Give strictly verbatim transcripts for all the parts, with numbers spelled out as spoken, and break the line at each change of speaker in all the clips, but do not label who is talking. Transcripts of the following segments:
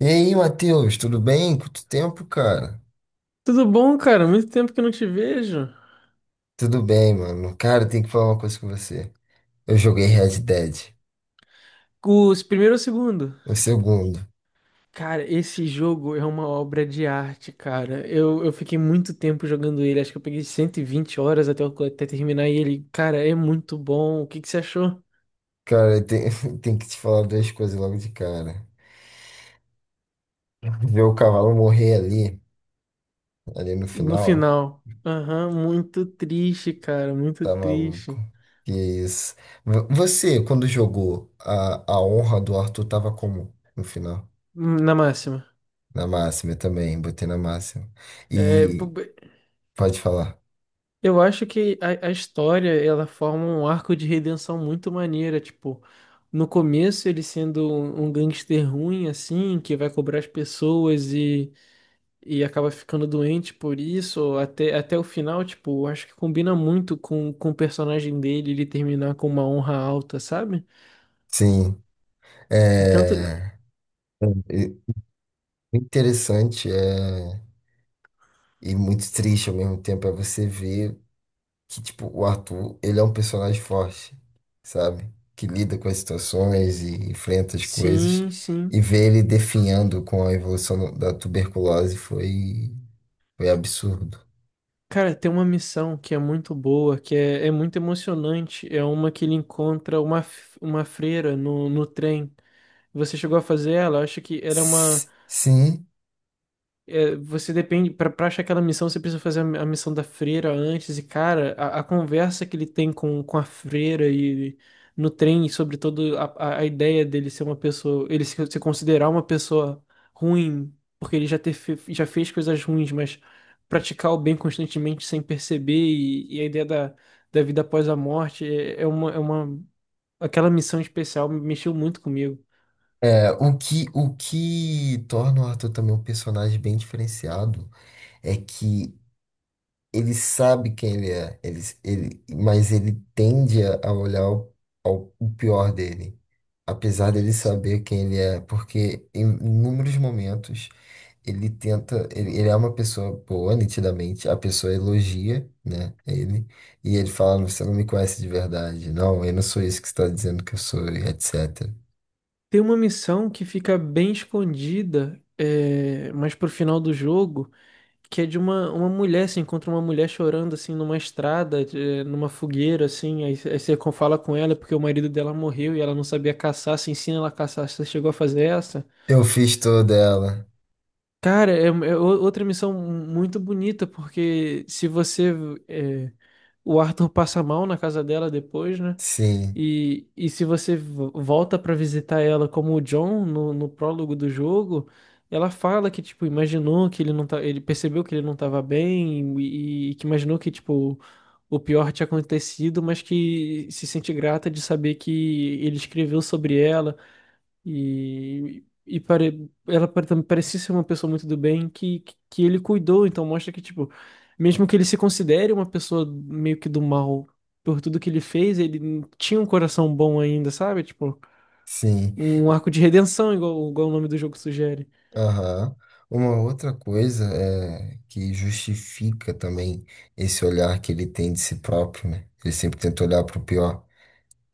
E aí, Matheus, tudo bem? Quanto tempo, cara?
Tudo bom, cara? Muito tempo que eu não te vejo.
Tudo bem, mano. Cara, eu tenho que falar uma coisa com você. Eu joguei Red Dead,
Os primeiro ou segundo?
o segundo.
Cara, esse jogo é uma obra de arte, cara. Eu, eu fiquei muito tempo jogando ele. Acho que eu peguei cento e vinte horas até, eu- até terminar ele. Cara, é muito bom. O que que você achou
Cara, eu tenho, tenho que te falar duas coisas logo de cara. Ver o cavalo morrer ali, ali no
no
final,
final? Aham, muito triste, cara. Muito
tá maluco.
triste.
Que isso. Vo- Você, quando jogou, a, a honra do Arthur tava como no final?
Hum, Na máxima.
Na máxima eu também, botei na máxima.
É,
E pode falar.
eu acho que a, a história ela forma um arco de redenção muito maneira, tipo, no começo ele sendo um, um gangster ruim assim, que vai cobrar as pessoas e, e acaba ficando doente por isso, até, até o final, tipo, eu acho que combina muito com, com o personagem dele, ele terminar com uma honra alta, sabe?
Sim.
Tanto,
É. Interessante, é... e muito triste ao mesmo tempo é você ver que, tipo, o Arthur, ele é um personagem forte, sabe? Que lida com as situações e enfrenta as coisas.
sim, sim.
E ver ele definhando com a evolução do- da tuberculose foi, foi absurdo.
Cara, tem uma missão que é muito boa, que é, é muito emocionante. É uma que ele encontra uma, f- uma freira no, no trem. Você chegou a fazer ela? Eu acho que era uma.
S- Sim,
É, você depende. Pra, pra achar aquela missão, você precisa fazer a, a missão da freira antes. E, cara, a, a conversa que ele tem com, com a freira e no trem sobre toda a, a- a ideia dele ser uma pessoa. Ele se, se considerar uma pessoa ruim, porque ele já, ter, fe- já fez coisas ruins, mas praticar o bem constantemente sem perceber. E, e a ideia da, da vida após a morte é, é uma, é uma. Aquela missão especial mexeu muito comigo.
é, o que, o que torna o Arthur também um personagem bem diferenciado é que ele sabe quem ele é, ele, ele, mas ele tende a a olhar o, ao- o pior dele, apesar dele saber quem ele é, porque em inúmeros momentos ele tenta, ele, ele é uma pessoa boa, nitidamente, a pessoa elogia, né, ele, e ele fala, você não me conhece de verdade, não, eu não sou isso que você está dizendo que eu sou, e etcétera.
Tem uma missão que fica bem escondida, é, mas pro final do jogo, que é de uma, uma mulher, você encontra uma mulher chorando assim numa estrada, é, numa fogueira, assim, aí, aí você con- fala com ela porque o marido dela morreu e ela não sabia caçar, você ensina ela a caçar, você chegou a fazer essa?
Eu fiz toda ela,
Cara, é, é o- outra missão muito bonita, porque se você. É, o Arthur passa mal na casa dela depois, né?
sim,
E, e se você vo- volta pra visitar ela como o John no, no prólogo do jogo, ela fala que, tipo, imaginou que ele não tá, ele percebeu que ele não tava bem e, e que imaginou que, tipo, o pior tinha acontecido, mas que se sente grata de saber que ele escreveu sobre ela. E, e pare... ela pare- também parecia ser uma pessoa muito do bem que, que que ele cuidou, então mostra que, tipo, mesmo que ele se considere uma pessoa meio que do mal por tudo que ele fez, ele tinha um coração bom ainda, sabe? Tipo,
sim.
um arco de redenção, igual, igual o nome do jogo sugere.
Aham. Uma outra coisa é, que justifica também esse olhar que ele tem de si próprio, né? Ele sempre tenta olhar pro pior.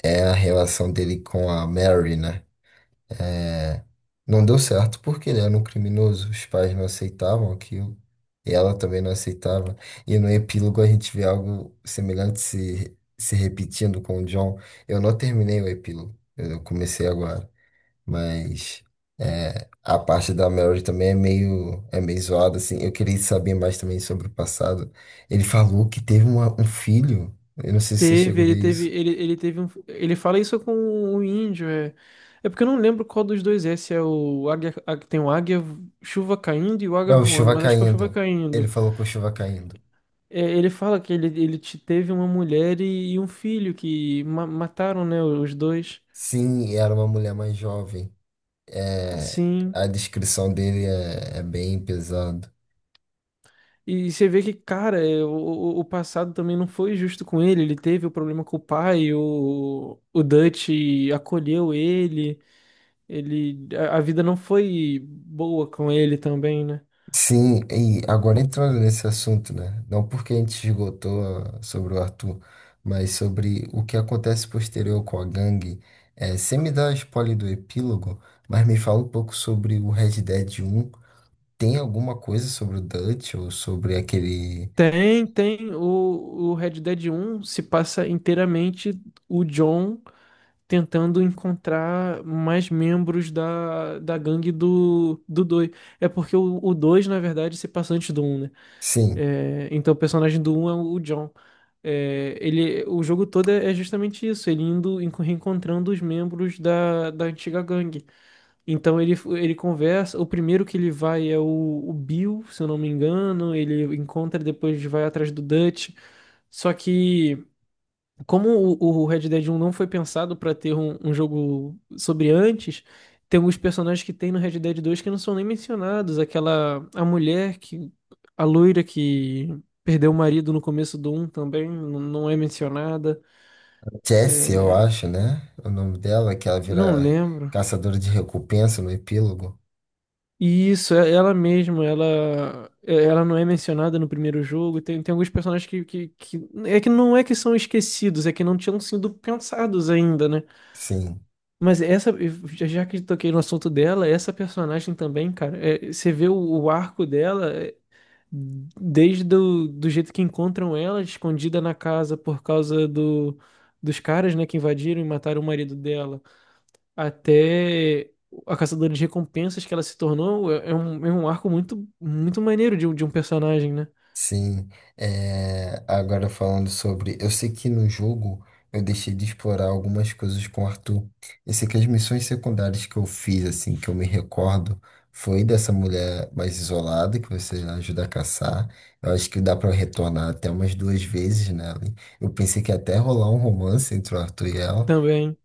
É a relação dele com a Mary, né? É, não deu certo porque ele era um criminoso. Os pais não aceitavam aquilo. E ela também não aceitava. E no epílogo a gente vê algo semelhante se, se repetindo com o John. Eu não terminei o epílogo. Eu comecei agora. Mas é, a parte da Mary também é meio, é meio zoada, assim. Eu queria saber mais também sobre o passado. Ele falou que teve uma- um filho. Eu não sei se você
Teve,
chegou a ver
ele teve,
isso.
ele, ele teve um. Ele fala isso com o índio, é. É porque eu não lembro qual dos dois é, se é o águia, a- tem o águia, chuva caindo e o
É,
águia
o
voando,
Chuva
mas acho que é o chuva
Caindo. Ele
caindo.
falou com o Chuva Caindo.
É, ele fala que ele, ele te- teve uma mulher e, e um filho que ma- mataram, né, os dois.
Sim, e era uma mulher mais jovem. É,
Sim.
a descrição dele é, é bem pesada.
E você vê que, cara, é, o, o o passado também não foi justo com ele. Ele teve o problema com o pai, o, o Dutch acolheu ele, ele, a, a vida não foi boa com ele também, né?
Sim, e agora entrando nesse assunto, né? Não porque a gente esgotou ah, sobre o Arthur, mas sobre o que acontece posterior com a gangue. É, você me dá spoiler do epílogo, mas me fala um pouco sobre o Red Dead um. Tem alguma coisa sobre o Dutch ou sobre aquele.
Tem, tem. O, o Red Dead um se passa inteiramente o John. Tentando encontrar mais membros da, da gangue do, do dois. É porque o, o dois, na verdade, se passa antes do um, né?
Sim,
É, então o personagem do um é o John. É, ele, o jogo todo é é justamente isso, ele indo enco- reencontrando os membros da, da antiga gangue. Então ele, ele conversa, o primeiro que ele vai é o, o Bill, se eu não me engano, ele encontra, depois vai atrás do Dutch. Só que como o, o Red Dead um não foi pensado pra ter um, um jogo sobre antes, tem alguns personagens que tem no Red Dead dois que não são nem mencionados. Aquela, a mulher que, a loira que perdeu o marido no começo do um também n- não é mencionada.
Jessie, eu
É,
acho, né? É o nome dela, que ela
não
vira
lembro.
caçadora de recompensa no epílogo.
E isso, é ela mesma, ela, é- ela não é mencionada no primeiro jogo. Tem, tem alguns personagens que, que, que. É que não é que são esquecidos, é que não tinham sido pensados ainda, né?
Sim.
Mas essa, já já que toquei no assunto dela, essa personagem também, cara, é, você vê o, o arco dela é, desde do, do jeito que encontram ela escondida na casa por causa do, dos caras, né, que invadiram e mataram o marido dela, até a caçadora de recompensas que ela se tornou, é, é um, é um arco muito, muito maneiro de, um- de um personagem, né?
Sim, é, agora falando sobre. Eu sei que no jogo eu deixei de explorar algumas coisas com o Arthur. Eu sei que as missões secundárias que eu fiz, assim, que eu me recordo, foi dessa mulher mais isolada, que você ajuda a caçar. Eu acho que dá pra retornar até umas duas vezes nela. Eu pensei que ia até rolar um romance entre o Arthur e ela.
Também.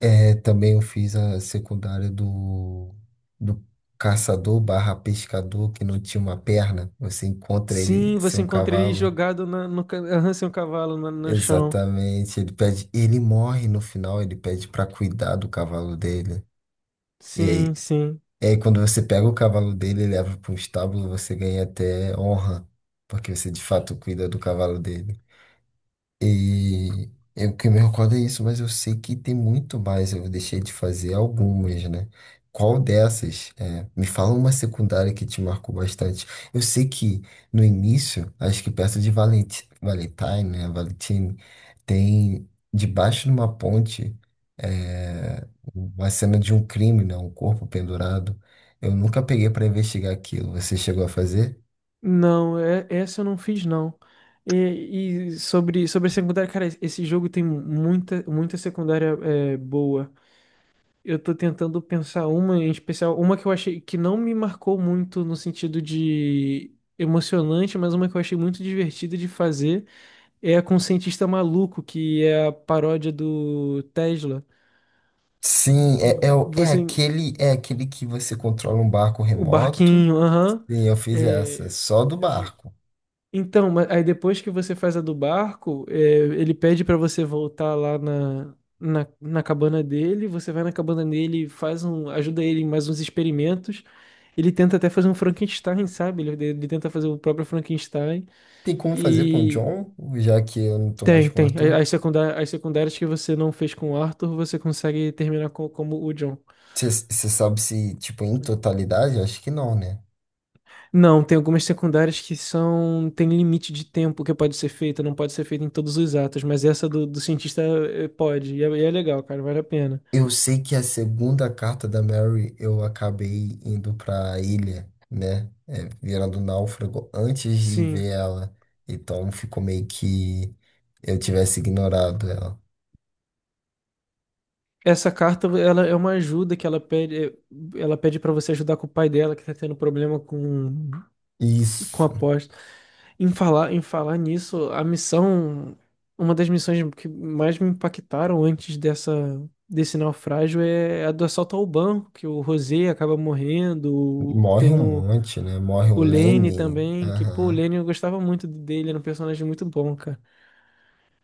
É, também eu fiz a secundária do, do caçador barra pescador que não tinha uma perna. Você encontra ele
Sim,
sem
você
um
encontra ele
cavalo.
jogado na, no, ca- aham, um cavalo na- no chão.
Exatamente. Ele pede, ele morre no final, ele pede pra cuidar do cavalo dele. E
Sim,
aí,
sim.
e aí quando você pega o cavalo dele e leva para um estábulo, você ganha até honra, porque você de fato cuida do cavalo dele. E eu que me recordo é isso, mas eu sei que tem muito mais. Eu deixei de fazer algumas, né? Qual dessas? É, me fala uma secundária que te marcou bastante. Eu sei que no início, acho que perto de Valenti, Valentine, né? Valentine, tem debaixo de uma ponte é, uma cena de um crime, né? Um corpo pendurado. Eu nunca peguei para investigar aquilo. Você chegou a fazer?
Não, é, essa eu não fiz, não. E, e sobre, sobre a secundária, cara, esse jogo tem muita, muita secundária é, boa. Eu tô tentando pensar uma em especial, uma que eu achei que não me marcou muito no sentido de emocionante, mas uma que eu achei muito divertida de fazer é a com o cientista maluco, que é a paródia do Tesla.
Sim, é, é, o- é
Você,
aquele, é aquele que você controla um barco
o
remoto.
barquinho, aham.
E eu fiz essa,
É,
só do barco.
então, ma- aí depois que você faz a do barco, é, ele pede pra você voltar lá na, na, na cabana dele, você vai na cabana dele, faz um, ajuda ele em mais uns experimentos. Ele tenta até fazer um Frankenstein, sabe? Ele, ele tenta fazer o próprio Frankenstein.
Tem como fazer com o
E
John, já que eu não tô mais
tem,
com o
tem.
Arthur?
A- As secundárias, as secundárias que você não fez com o Arthur, você consegue terminar co- como o John.
Você sabe se, tipo, em totalidade? Acho que não, né?
Não, tem algumas secundárias que são. Tem limite de tempo que pode ser feita, não pode ser feita em todos os atos, mas essa do, do cientista eh, pode, e é, e é legal, cara, vale a pena.
Eu sei que a segunda carta da Mary eu acabei indo pra ilha, né? É, virando náufrago antes de ver
Sim.
ela. Então ficou meio que eu tivesse ignorado ela.
Essa carta, ela é uma ajuda que ela pede, eh, ela pede para você ajudar com o pai dela que tá tendo problema com com a
Isso.
aposta. Em falar, em falar nisso, a missão, uma das missões que mais me impactaram antes dessa desse naufrágio é a do assalto ao banco, que o Rosé acaba morrendo,
Morre
tem
um
o
monte, né? Morre o
O Lenny
Lenny.
também, que, pô, o
Aham.
Lenny eu gostava muito dele, era um personagem muito bom, cara.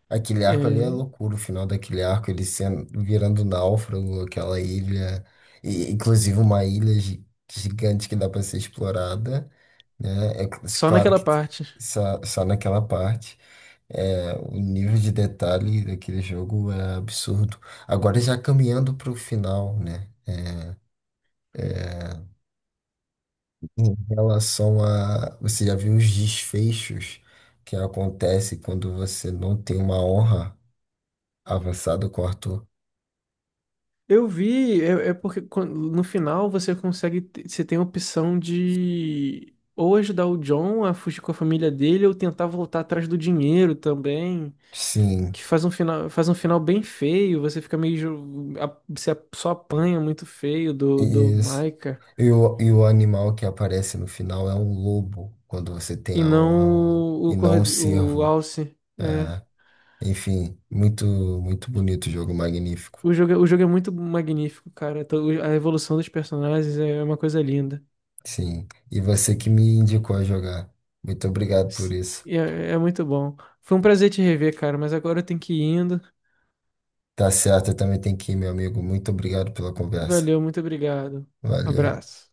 Aquele arco ali é
É,
loucura, o final daquele arco, ele sendo, virando náufrago, aquela ilha, e, inclusive uma ilha gi- gigante que dá para ser explorada, né? É cl-
só
claro
naquela
que tem-
parte.
só, só naquela parte. É, o nível de detalhe daquele jogo é absurdo. Agora já caminhando para o final, né? É, em relação a, você já viu os desfechos que acontece quando você não tem uma honra avançada com o Arthur?
Eu vi, é, é porque quan- no final você consegue, te- você tem a opção de ou ajudar o John a fugir com a família dele ou tentar voltar atrás do dinheiro também,
Sim,
que faz um final, faz um final bem feio, você fica meio, ju- a- você a- só apanha muito feio do, do
isso.
Micah
E o, e o animal que aparece no final é um lobo, quando você tem
e
a honra
não
ruim,
o,
e
o,
não um
Cord- o
cervo.
Alce.
É, enfim, muito, muito bonito o jogo, magnífico.
O jogo, é- o jogo é muito magnífico, cara. Então, a evolução dos personagens é uma coisa linda.
Sim, e você que me indicou a jogar. Muito obrigado por
Se-
isso.
É, é muito bom. Foi um prazer te rever, cara, mas agora eu tenho que ir indo.
Tá certo, eu também tenho que ir, meu amigo. Muito obrigado pela conversa.
Valeu, muito obrigado.
Valeu.
Abraço.